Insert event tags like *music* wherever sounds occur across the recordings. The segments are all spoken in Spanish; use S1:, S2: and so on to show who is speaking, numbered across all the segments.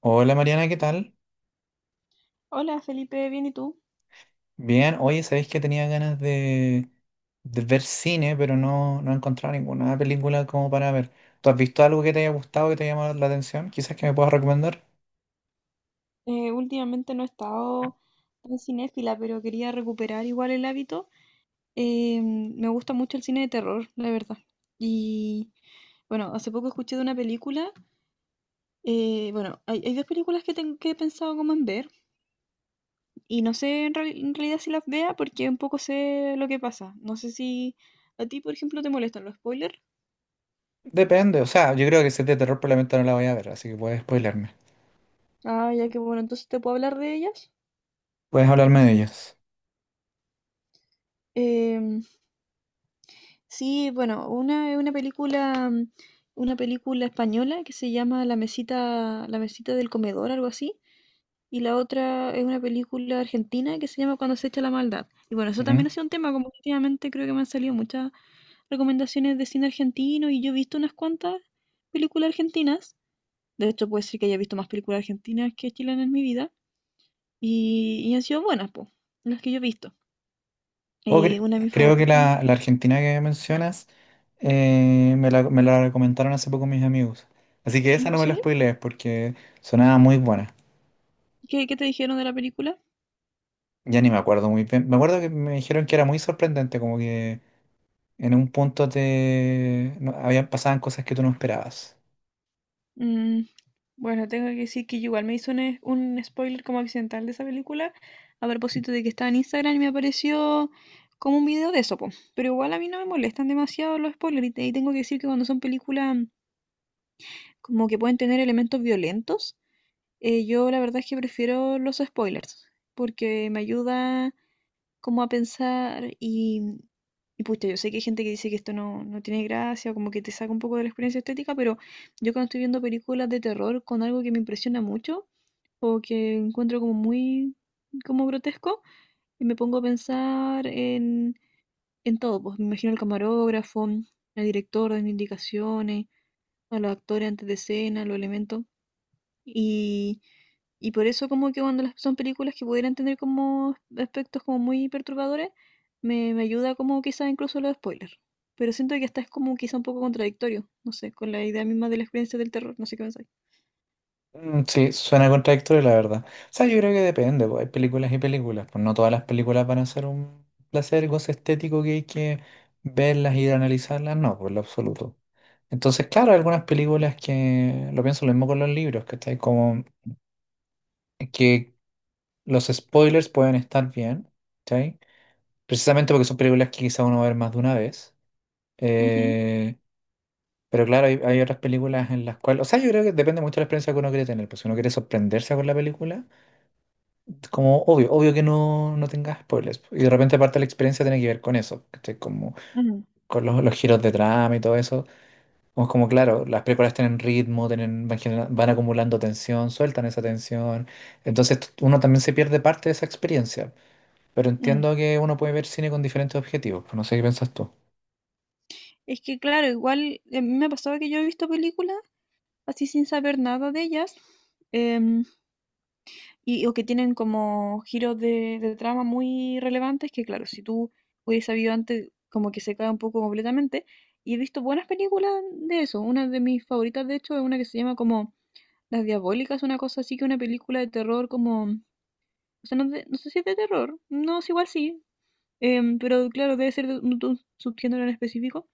S1: Hola Mariana, ¿qué tal?
S2: Hola Felipe, bien, ¿y tú?
S1: Bien, oye, sabéis que tenía ganas de ver cine, pero no he encontrado ninguna película como para ver. ¿Tú has visto algo que te haya gustado, que te haya llamado la atención? Quizás que me puedas recomendar.
S2: Últimamente no he estado tan cinéfila, pero quería recuperar igual el hábito. Me gusta mucho el cine de terror, la verdad. Y bueno, hace poco escuché de una película. Bueno, hay dos películas que, que he pensado como en ver y no sé en realidad si las vea porque un poco sé lo que pasa. No sé si a ti, por ejemplo, te molestan los spoilers.
S1: Depende, o sea, yo creo que si es de terror probablemente no la voy a ver, así que puedes spoilerme.
S2: Ah, ya, que bueno, entonces te puedo hablar de ellas.
S1: Puedes hablarme de ellos.
S2: Sí, bueno, una película, una película española que se llama La mesita del comedor, algo así, y la otra es una película argentina que se llama Cuando se echa la maldad. Y bueno, eso
S1: Ujú.
S2: también ha sido un tema, como que últimamente creo que me han salido muchas recomendaciones de cine argentino y yo he visto unas cuantas películas argentinas. De hecho, puede ser que haya visto más películas argentinas que chilenas en mi vida y han sido buenas, pues, las que yo he visto.
S1: O cre-
S2: Una de mis
S1: Creo que
S2: favoritas.
S1: la Argentina que mencionas me la recomendaron hace poco mis amigos. Así que esa
S2: ¿En
S1: no me la
S2: serio?
S1: spoilees porque sonaba muy buena.
S2: ¿Qué te dijeron de la película?
S1: Ya ni me acuerdo muy bien. Me acuerdo que me dijeron que era muy sorprendente, como que en un punto te no- habían pasaban cosas que tú no esperabas.
S2: Mm, bueno, tengo que decir que yo igual me hizo un spoiler como accidental de esa película, a propósito de que estaba en Instagram y me apareció como un video de eso, po. Pero igual a mí no me molestan demasiado los spoilers, y tengo que decir que cuando son películas como que pueden tener elementos violentos, yo la verdad es que prefiero los spoilers, porque me ayuda como a pensar y pucha, yo sé que hay gente que dice que esto no tiene gracia, como que te saca un poco de la experiencia estética, pero yo cuando estoy viendo películas de terror con algo que me impresiona mucho o que encuentro como muy como grotesco y me pongo a pensar en todo, pues me imagino al camarógrafo, al director dando indicaciones, a los actores antes de escena, los elementos. Y, y por eso como que cuando son películas que pudieran tener como aspectos como muy perturbadores, me ayuda como quizás incluso los spoilers. Pero siento que hasta es como quizá un poco contradictorio, no sé, con la idea misma de la experiencia del terror, no sé qué pensáis.
S1: Sí, suena contradictorio, la verdad. O sea, yo creo que depende, pues hay películas y películas. Pues no todas las películas van a ser un placer, goce estético que hay que verlas y analizarlas, no, por lo absoluto. Entonces, claro, hay algunas películas que lo pienso, lo mismo con los libros, ¿cachai? Como que los spoilers pueden estar bien, ¿cachai? Precisamente porque son películas que quizá uno va a ver más de una vez.
S2: Ujú,
S1: Eh, pero claro, hay otras películas en las cuales, o sea, yo creo que depende mucho de la experiencia que uno quiere tener, pues si uno quiere sorprenderse con la película, es como obvio, obvio que no tengas spoilers, y de repente parte de la experiencia tiene que ver con eso, ¿cachai? Como
S2: ujú,
S1: con los giros de trama y todo eso, como, como claro, las películas tienen ritmo, tienen, van, van acumulando tensión, sueltan esa tensión, entonces uno también se pierde parte de esa experiencia, pero
S2: mm.
S1: entiendo que uno puede ver cine con diferentes objetivos, pues no sé qué piensas tú.
S2: Es que claro, igual me ha pasado que yo he visto películas así sin saber nada de ellas. em, Y, o que tienen como giros de trama muy relevantes que, claro, si tú hubieses sabido antes, como que se cae un poco completamente. Y he visto buenas películas de eso. Una de mis favoritas, de hecho, es una que se llama como Las Diabólicas, una cosa así que una película de terror como... O sea, no, no sé si es de terror. No, es igual sí. Pero claro, debe ser de un subgénero en específico.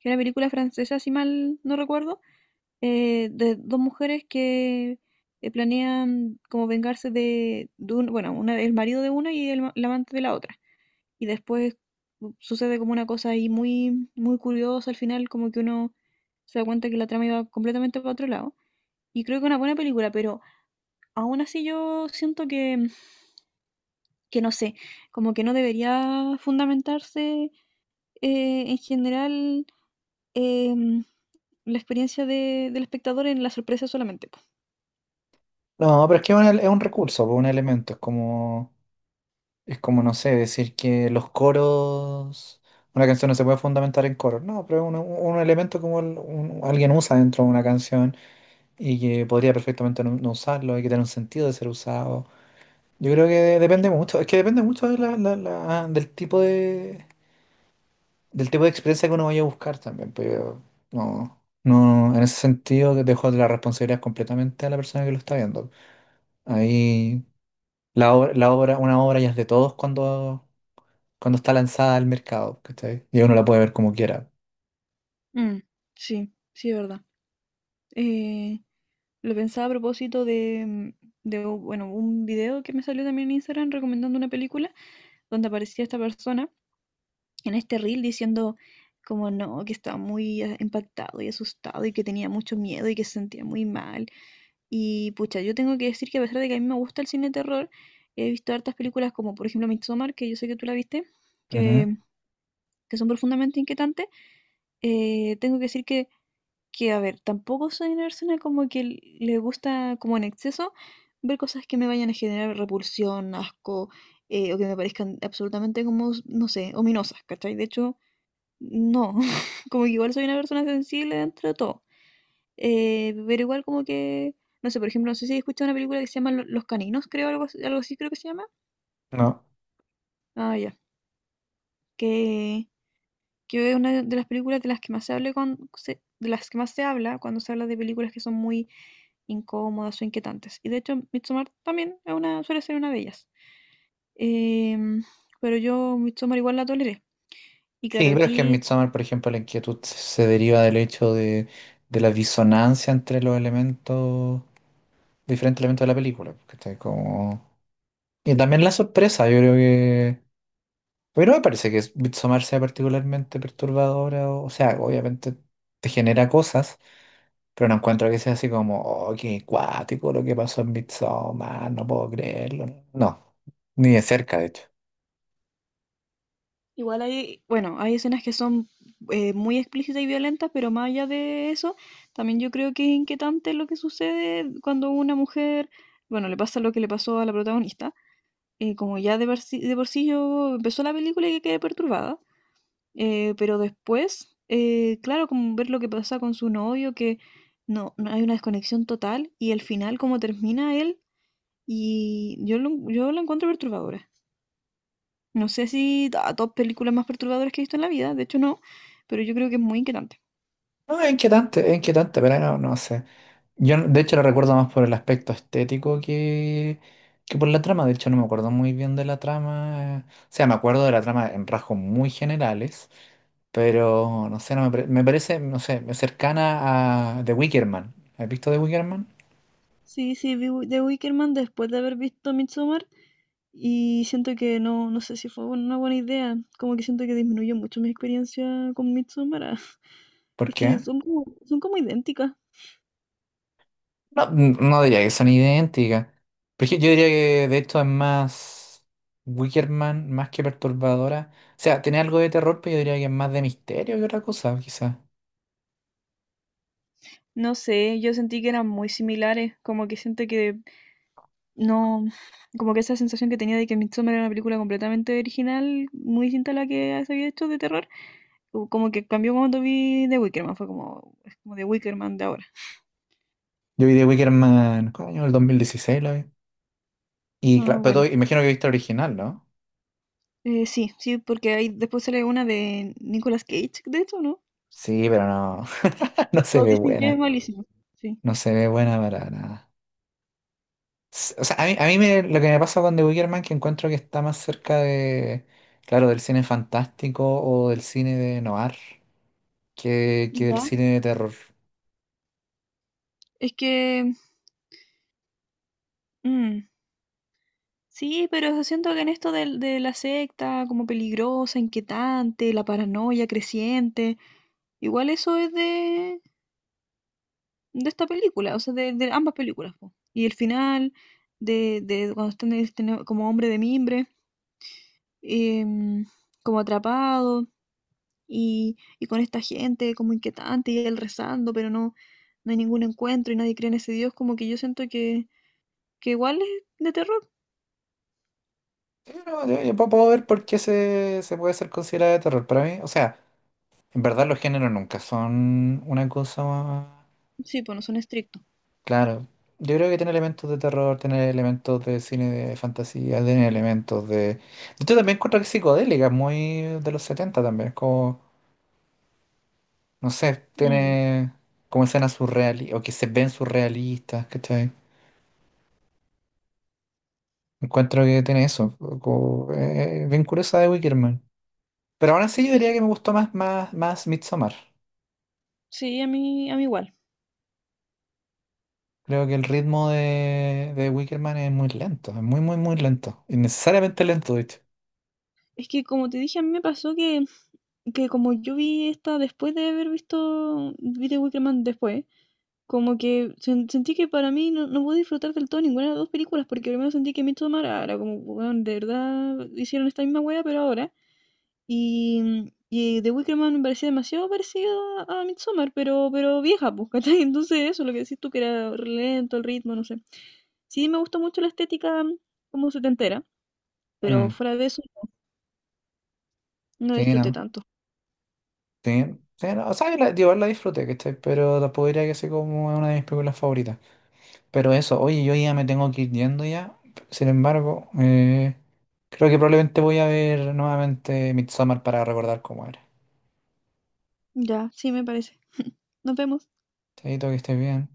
S2: Que es una película francesa, si mal no recuerdo, de dos mujeres que planean como vengarse de bueno, una, el marido de una y el amante de la otra. Y después sucede como una cosa ahí muy, muy curiosa al final, como que uno se da cuenta que la trama iba completamente para otro lado. Y creo que es una buena película, pero aún así yo siento que no sé, como que no debería fundamentarse en general, em, la experiencia del espectador en la sorpresa solamente.
S1: No, pero es que es es un recurso, pues, un elemento, es como... Es como, no sé, decir que los coros, una canción no se puede fundamentar en coros, no, pero es un elemento como alguien usa dentro de una canción y que podría perfectamente no usarlo, hay que tener un sentido de ser usado. Yo creo que depende mucho, es que depende mucho de del tipo del tipo de experiencia que uno vaya a buscar también, pero no, en ese sentido dejo la responsabilidad completamente a la persona que lo está viendo. Ahí la obra, una obra ya es de todos cuando cuando está lanzada al mercado, ¿cachai? Y uno la puede ver como quiera.
S2: Mm, sí, sí, es verdad. Eh, lo pensaba a propósito de, bueno, un video que me salió también en Instagram recomendando una película donde aparecía esta persona en este reel diciendo como no, que estaba muy impactado y asustado y que tenía mucho miedo y que se sentía muy mal. Y pucha, yo tengo que decir que a pesar de que a mí me gusta el cine de terror, he visto hartas películas como por ejemplo Midsommar, que yo sé que tú la viste,
S1: Ujú.
S2: que, que son profundamente inquietantes. Tengo que decir que, a ver, tampoco soy una persona como que le gusta como en exceso ver cosas que me vayan a generar repulsión, asco, o que me parezcan absolutamente como, no sé, ominosas, ¿cachai? De hecho, no, *laughs* como que igual soy una persona sensible dentro de todo. Pero igual como que, no sé, por ejemplo, no sé si he escuchado una película que se llama Los Caninos, creo, algo, algo así creo que se llama.
S1: No.
S2: Ah, ya. Que, que es una de las películas de las que más se habla de las que más se habla cuando se habla de películas que son muy incómodas o inquietantes. Y de hecho, Midsommar también es una, suele ser una de ellas. Em, pero yo Midsommar igual la toleré. Y
S1: Sí,
S2: claro,
S1: pero es que en
S2: aquí
S1: Midsommar, por ejemplo, la inquietud se deriva del hecho de la disonancia entre los elementos, diferentes elementos de la película, ¿cachai? Como... Y también la sorpresa, yo creo que... A mí no me parece que Midsommar sea particularmente perturbadora, o sea, obviamente te genera cosas, pero no encuentro que sea así como, oh, qué cuático lo que pasó en Midsommar, no puedo creerlo. No, ni de cerca, de hecho.
S2: igual bueno, hay escenas que son muy explícitas y violentas, pero más allá de eso, también yo creo que es inquietante lo que sucede cuando una mujer, bueno, le pasa lo que le pasó a la protagonista. Como ya de por sí yo empezó la película y quedé perturbada. Pero después, claro, como ver lo que pasa con su novio, que no hay una desconexión total y al final como termina él yo la encuentro perturbadora. No sé si a top películas más perturbadoras que he visto en la vida, de hecho no, pero yo creo que es muy inquietante.
S1: No, es inquietante, pero no sé. Yo de hecho lo recuerdo más por el aspecto estético que por la trama. De hecho no me acuerdo muy bien de la trama. O sea, me acuerdo de la trama en rasgos muy generales, pero no sé, no me, pare- me parece, no sé, cercana a The Wicker Man. ¿Has visto The Wicker Man?
S2: Sí, sí, vi The Wickerman después de haber visto Midsommar y siento que no sé si fue una buena idea, como que siento que disminuyó mucho mi experiencia con Midsommar. *laughs*
S1: ¿Por
S2: Es que
S1: qué?
S2: son como idénticas.
S1: No, no diría que son idénticas. Pero es que yo diría que de hecho es más Wickerman, más que perturbadora. O sea, tiene algo de terror, pero yo diría que es más de misterio que otra cosa, quizás.
S2: No sé, yo sentí que eran muy similares, como que siento que no, como que esa sensación que tenía de que Midsommar era una película completamente original, muy distinta a la que se había hecho de terror, o como que cambió cuando vi The Wicker Man, fue como, es como The Wicker Man de ahora.
S1: Yo vi de Wickerman, ¿cuál año? El 2016 lo vi. Y
S2: Ah,
S1: claro, pero
S2: bueno.
S1: imagino que viste el original, ¿no?
S2: Sí, sí, porque ahí después sale una de Nicolas Cage, de hecho, ¿no?
S1: Sí, pero no, *laughs* no se
S2: Todos
S1: ve
S2: dicen que es
S1: buena.
S2: malísimo, sí.
S1: No se ve buena para nada. O sea, a mí, lo que me pasa con The Wicker Man que encuentro que está más cerca de, claro, del cine fantástico o del cine de noir. Que el
S2: Ya.
S1: cine de terror.
S2: Es que, mm, sí, pero siento que en esto la secta como peligrosa, inquietante, la paranoia creciente, igual eso es de esta película, o sea, de ambas películas, po. Y el final de cuando están este como hombre de mimbre, em, como atrapado y con esta gente como inquietante y él rezando, pero no hay ningún encuentro y nadie cree en ese Dios, como que yo siento que igual es de terror.
S1: Pero yo puedo ver por qué se puede ser considerado de terror. Para mí, o sea, en verdad los géneros nunca son una cosa...
S2: Sí, pues no son estrictos.
S1: Claro, yo creo que tiene elementos de terror, tiene elementos de cine de fantasía, tiene elementos de... Yo también encuentro que es psicodélica, es muy de los 70 también, es como, no sé,
S2: Mm.
S1: tiene como escenas surrealistas, o que se ven surrealistas, ¿cachai? Encuentro que tiene eso, como, bien curiosa de Wickerman. Pero aún así yo
S2: Es
S1: diría
S2: que
S1: que me gustó más, más, más Midsommar.
S2: sí, a mí igual.
S1: Creo que el ritmo de Wicker Man es muy lento, es muy, muy, muy lento. Innecesariamente lento, de hecho.
S2: Es que como te dije, a mí me pasó que como yo vi esta después de haber visto, vi The Wicker Man después, como que sentí que para mí no pude disfrutar del todo ninguna de las dos películas, porque primero sentí que Midsommar era como, weón, de verdad hicieron esta misma wea, pero ahora. Y The Wicker Man me parecía demasiado parecida a Midsommar, pero vieja, pues, ¿cachai? *laughs* Entonces eso, lo que decís tú, que era re lento el ritmo, no sé. Sí, me gustó mucho la estética, como setentera, pero
S1: Mm,
S2: fuera de eso no
S1: Sí,
S2: disfruté
S1: no.
S2: tanto.
S1: Sí, sí, no. O sea, digo, la disfruté, ¿cachai? Pero tampoco diría que sea como una de mis películas favoritas. Pero eso, oye, yo ya me tengo que ir yendo ya. Sin embargo, creo que probablemente voy a ver nuevamente Midsommar para recordar cómo era.
S2: Ya, sí me parece. *laughs* Nos vemos.
S1: Chaito, que estés bien.